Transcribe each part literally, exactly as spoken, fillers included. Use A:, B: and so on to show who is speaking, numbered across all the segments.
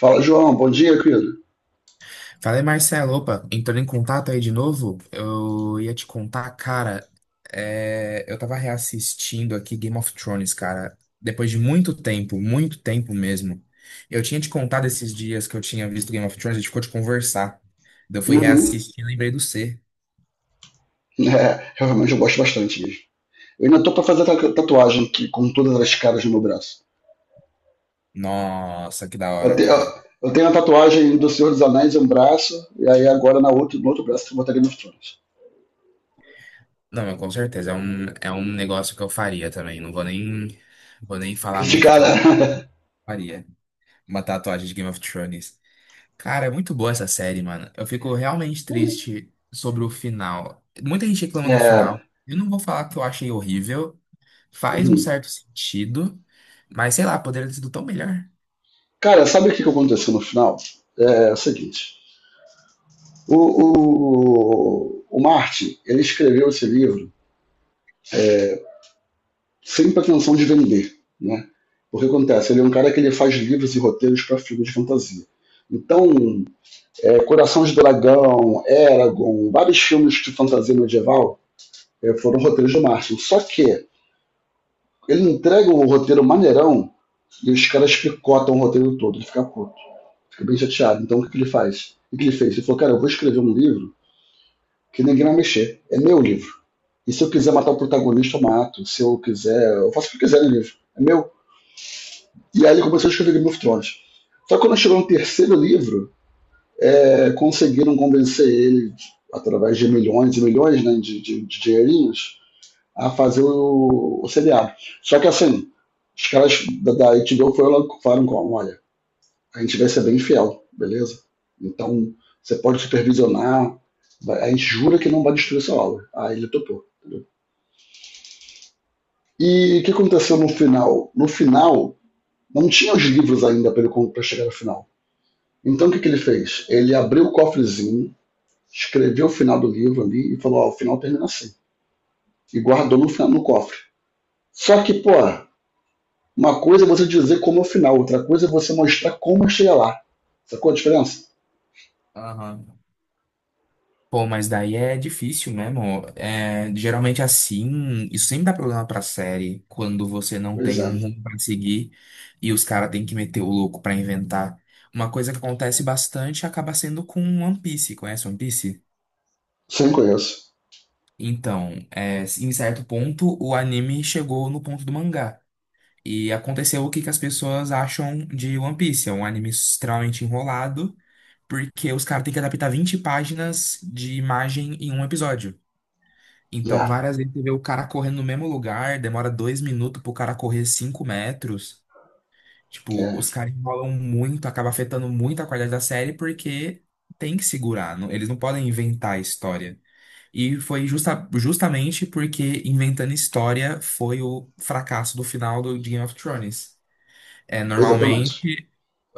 A: Fala, João, bom dia, querido.
B: Falei, Marcelo, opa, entrando em contato aí de novo, eu ia te contar, cara, é, eu tava reassistindo aqui Game of Thrones, cara, depois de muito tempo, muito tempo mesmo. Eu tinha te contado esses dias que eu tinha visto Game of Thrones, a gente ficou de conversar. Daí Eu fui
A: Uhum.
B: reassistir e lembrei do C.
A: É, realmente eu gosto bastante mesmo. Eu ainda tô pra fazer a tatuagem que, com todas as caras no meu braço.
B: Nossa, que da
A: Eu
B: hora,
A: tenho, eu
B: cara.
A: eu tenho a tatuagem do Senhor dos Anéis em um braço, e aí agora na outro, no outro braço eu botaria no Thrones.
B: Não, mas com certeza, é um, é um negócio que eu faria também, não vou nem, vou nem falar muito o
A: Criticar,
B: que eu
A: né?
B: faria. Uma tatuagem de Game of Thrones. Cara, é muito boa essa série, mano. Eu fico realmente triste sobre o final. Muita gente reclama do
A: É,
B: final. Eu não vou falar que eu achei horrível. Faz um
A: uhum.
B: certo sentido. Mas sei lá, poderia ter sido tão melhor.
A: Cara, sabe o que, que aconteceu no final? É, É o seguinte. O, o, o Martin, ele escreveu esse livro sempre a intenção de vender, né? O que acontece, ele é um cara que ele faz livros e roteiros para filmes de fantasia. Então, é, Coração de Dragão, Eragon, vários filmes de fantasia medieval é, foram roteiros do Martin. Só que ele entrega um roteiro maneirão e os caras picotam o roteiro todo. Ele fica puto, fica bem chateado. Então, o que, que ele faz? O que, que ele fez? Ele falou: cara, eu vou escrever um livro que ninguém vai mexer. É meu livro. E se eu quiser matar o protagonista, eu mato. Se eu quiser, eu faço o que eu quiser no livro. É meu. E aí ele começou a escrever Game of Thrones. Só que quando chegou no terceiro livro, é, conseguiram convencer ele, através de milhões e milhões, né, de, de, de dinheirinhos, a fazer o, o seriado. Só que assim, os caras da, da H B O foram logo falaram como, olha, a gente vai ser bem fiel, beleza? Então, você pode supervisionar, vai- a gente jura que não vai destruir essa obra. Aí ele topou. Entendeu? E o que aconteceu no final? No final, não tinha os livros ainda para chegar ao final. Então o que, que ele fez? Ele abriu o cofrezinho, escreveu o final do livro ali e falou: Ó, o final termina assim. E guardou no, final- no cofre. Só que, pô, uma coisa é você dizer como é o final, outra coisa é você mostrar como chega lá. Sacou a diferença?
B: Aham. Pô, mas daí é difícil mesmo. É, geralmente assim, isso sempre dá problema pra série, quando você não
A: Pois
B: tem
A: é.
B: um rumo pra seguir e os caras têm que meter o louco pra inventar. Uma coisa que acontece bastante acaba sendo com One Piece. Conhece One Piece?
A: Sim, conheço.
B: Então, é, em certo ponto, o anime chegou no ponto do mangá. E aconteceu o que, que as pessoas acham de One Piece. É um anime extremamente enrolado, porque os caras têm que adaptar vinte páginas de imagem em um episódio. Então,
A: É,
B: várias vezes você vê o cara correndo no mesmo lugar, demora dois minutos pro cara correr cinco metros. Tipo,
A: é,
B: os caras enrolam muito, acaba afetando muito a qualidade da série, porque tem que segurar. não- Eles não podem inventar a história. E foi justa- justamente porque Inventando História foi o fracasso do final do de Game of Thrones. É,
A: Exatamente.
B: normalmente,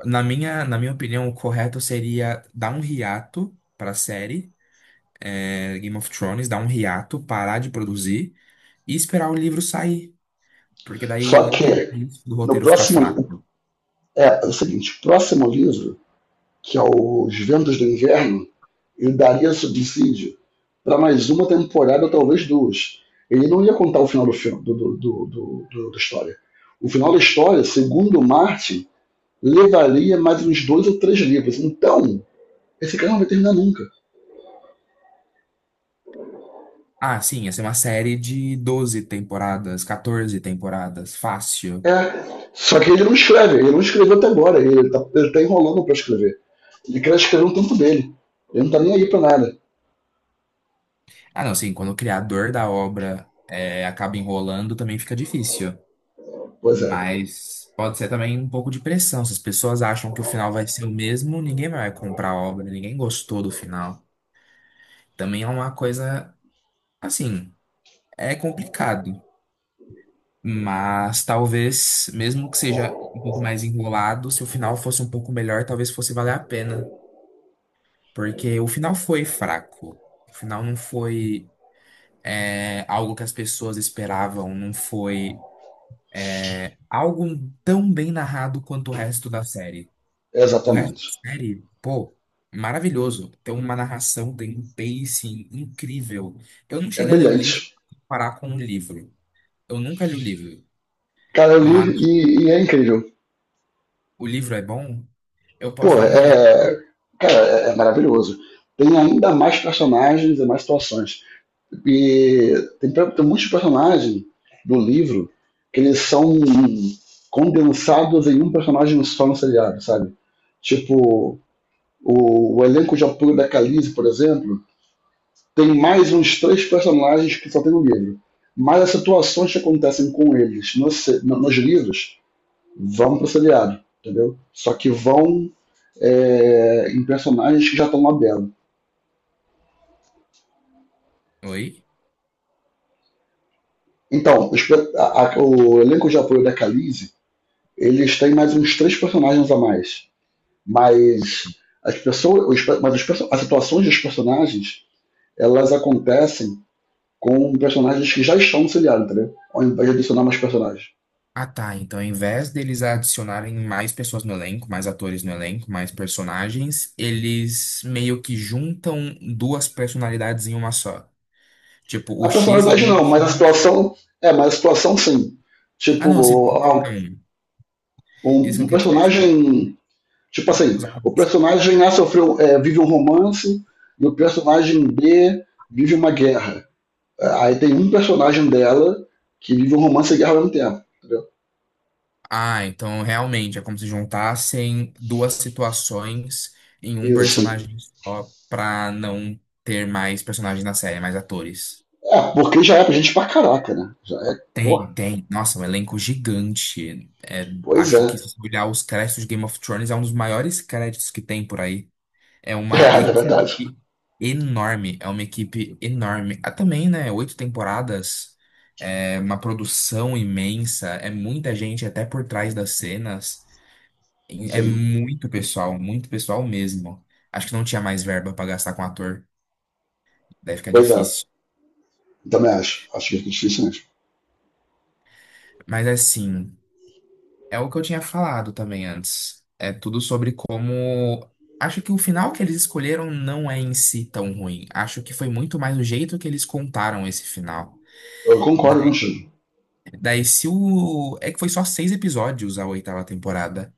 B: na minha, na minha opinião, o correto seria dar um hiato para a série, é, Game of Thrones, dar um hiato, parar de produzir e esperar o livro sair. Porque daí
A: Só
B: não teria
A: que,
B: risco do
A: no
B: roteiro ficar
A: próximo.
B: fraco.
A: É, é o seguinte: o próximo livro, que é Os Ventos do Inverno, ele daria subsídio para mais uma temporada, talvez duas. Ele não ia contar o final do filme, do, do, do, do, do- da história. O final da história, segundo Martin, levaria mais uns dois ou três livros. Então, esse cara não vai terminar nunca.
B: Ah, sim, ia ser uma série de doze temporadas, quatorze temporadas, fácil.
A: É. Só que ele não escreve, ele não escreveu até agora, ele tá, ele tá enrolando para escrever. Ele quer escrever um tempo dele. Ele não tá nem aí para nada.
B: Ah, não, sim, quando o criador da obra é, acaba enrolando, também fica difícil.
A: Pois é,
B: Mas pode ser também um pouco de pressão. Se as pessoas acham que o final vai ser o mesmo, ninguém vai comprar a obra, ninguém gostou do final. Também é uma coisa, assim, é complicado. Mas talvez, mesmo que seja um pouco mais enrolado, se o final fosse um pouco melhor, talvez fosse valer a pena. Porque o final foi fraco. O final não foi, é, algo que as pessoas esperavam, não foi, é, algo tão bem narrado quanto o resto da série. O resto
A: exatamente.
B: da série, pô, maravilhoso. Tem uma narração, tem um pacing incrível. Eu não
A: É
B: cheguei a ler o livro
A: brilhante.
B: pra comparar com o livro. Eu nunca li o livro,
A: Cara, eu li
B: mas
A: e, e é incrível.
B: o livro é bom, eu posso
A: Pô,
B: dar uma olhada.
A: é. Cara, é é maravilhoso. Tem ainda mais personagens e mais situações. E tem, tem muitos personagens do livro que eles são condensados em um personagem só no seriado, sabe? Tipo, o, o elenco de apoio da Khaleesi, por exemplo, tem mais uns três personagens que só tem no livro. Mas as situações que acontecem com eles no nos livros vão pro seriado, entendeu? Só que vão é, em personagens que já estão lá dentro.
B: Oi?
A: Então, a- a- o elenco de apoio da Khaleesi, eles têm mais uns três personagens a mais. Mas as pessoas, os mas os as situações dos personagens, elas acontecem com personagens que já estão no seriado, entendeu? Ao invés de adicionar mais personagens.
B: Ah, tá. Então, ao invés deles adicionarem mais pessoas no elenco, mais atores no elenco, mais personagens, eles meio que juntam duas personalidades em uma só. Tipo,
A: A
B: o X e o
A: personalidade não, mas a
B: Y.
A: situação, é, mas a situação sim.
B: Ah, não, se...
A: Tipo, ah,
B: então, isso
A: um, um
B: que eu quis dizer, tipo,
A: personagem. Tipo assim,
B: os
A: o
B: atores.
A: personagem A sofreu, é, vive um romance e o personagem B vive uma guerra. Aí tem um personagem dela que vive um romance e guerra ao mesmo tempo. Entendeu?
B: Ah, então realmente é como se juntassem duas situações em um
A: Isso.
B: personagem só pra não ter mais personagens na série, mais atores.
A: É, porque já é pra gente pra caraca, né? Já é. Porra.
B: Tem, tem. Nossa, um elenco gigante. É,
A: Pois
B: acho
A: é.
B: que se você olhar os créditos de Game of Thrones, é um dos maiores créditos que tem por aí. É uma
A: É, na verdade.
B: equipe enorme, é uma equipe enorme. Ah, também, né? Oito temporadas, é uma produção imensa, é muita gente até por trás das cenas. É
A: Sim.
B: muito pessoal, muito pessoal mesmo. Acho que não tinha mais verba pra gastar com ator. Deve ficar
A: Pois é.
B: difícil.
A: Também acho. Acho que é difícil mesmo.
B: Mas assim, é o que eu tinha falado também antes. É tudo sobre como. Acho que o final que eles escolheram não é em si tão ruim. Acho que foi muito mais o jeito que eles contaram esse final.
A: Eu concordo
B: Daí,
A: contigo.
B: daí se o. É que foi só seis episódios a oitava temporada.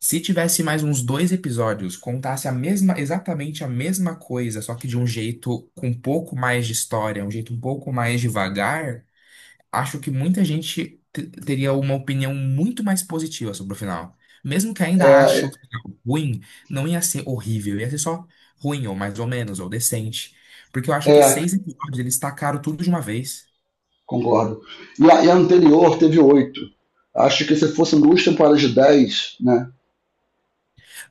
B: Se tivesse mais uns dois episódios, contasse a mesma, exatamente a mesma coisa, só que de um jeito com um pouco mais de história, um jeito um pouco mais devagar, acho que muita gente te- teria uma opinião muito mais positiva sobre o final. Mesmo que ainda ache
A: É,
B: o final ruim, não ia ser horrível, ia ser só ruim, ou mais ou menos, ou decente. Porque eu acho que
A: é
B: seis episódios eles tacaram tudo de uma vez.
A: concordo. E a, e a anterior teve oito. Acho que se fossem duas temporadas de dez, né?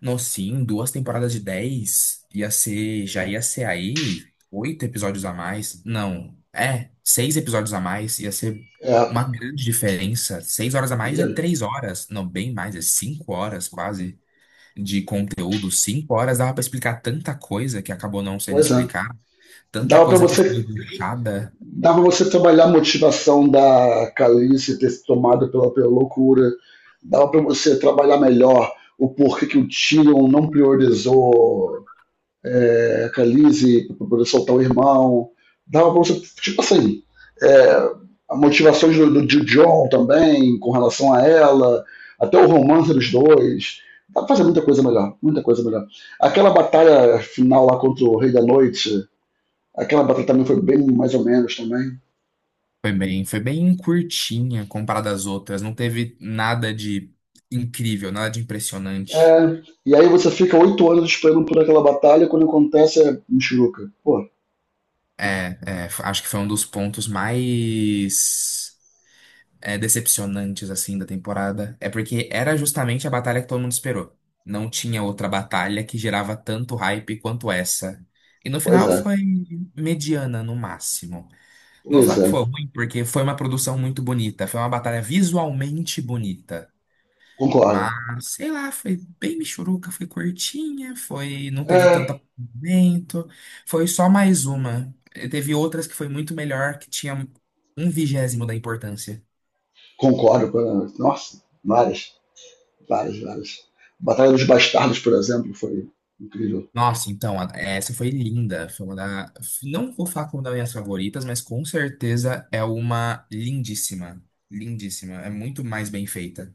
B: Não, sim, duas temporadas de dez ia ser, já ia ser aí oito episódios a mais. Não, é, seis episódios a mais ia ser
A: É.
B: uma grande diferença. Seis horas a mais
A: E,
B: é três horas, não, bem mais, é cinco horas quase de conteúdo. Cinco horas dava pra explicar tanta coisa que acabou não sendo
A: pois é.
B: explicada, tanta
A: Dava para
B: coisa que
A: você
B: foi deixada.
A: dava pra você trabalhar a motivação da Calice ter se tomado pela, pela loucura, dava para você trabalhar melhor o porquê que o Tion não priorizou é, a Calice para poder soltar o irmão, dava para você, tipo assim, é, a motivação do, do, do John também com relação a ela, até o romance dos dois, dá pra fazer muita coisa melhor, muita coisa melhor. Aquela batalha final lá contra o Rei da Noite, aquela batalha também foi bem mais ou menos também.
B: Foi bem, foi bem curtinha comparada às outras, não teve nada de incrível, nada de impressionante.
A: É, e aí você fica oito anos esperando por aquela batalha, quando acontece é Michuruca. Pô,
B: É, é, f- acho que foi um dos pontos mais é, decepcionantes assim da temporada. É porque era justamente a batalha que todo mundo esperou. Não tinha outra batalha que gerava tanto hype quanto essa. E no
A: pois
B: final
A: é,
B: foi mediana no máximo. Não vou
A: pois
B: falar
A: é,
B: que foi ruim, porque foi uma produção muito bonita. Foi uma batalha visualmente bonita.
A: concordo.
B: Mas, sei lá, foi bem michuruca, foi curtinha, foi, não teve tanto
A: É,
B: acompanhamento, foi só mais uma. E teve outras que foi muito melhor, que tinha um vigésimo da importância.
A: concordo, com- nossa, várias, várias, várias. Batalha dos Bastardos, por exemplo, foi incrível.
B: Nossa, então, a- essa foi linda. Foi uma da, não vou falar como das minhas favoritas, mas com certeza é uma lindíssima. Lindíssima. É muito mais bem feita.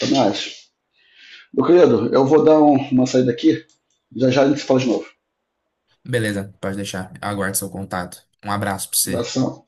A: Também acho. Meu querido, eu vou dar um- uma saída aqui, já já a gente se fala de novo.
B: Beleza, pode deixar. Eu aguardo seu contato. Um abraço pra você.
A: Abração.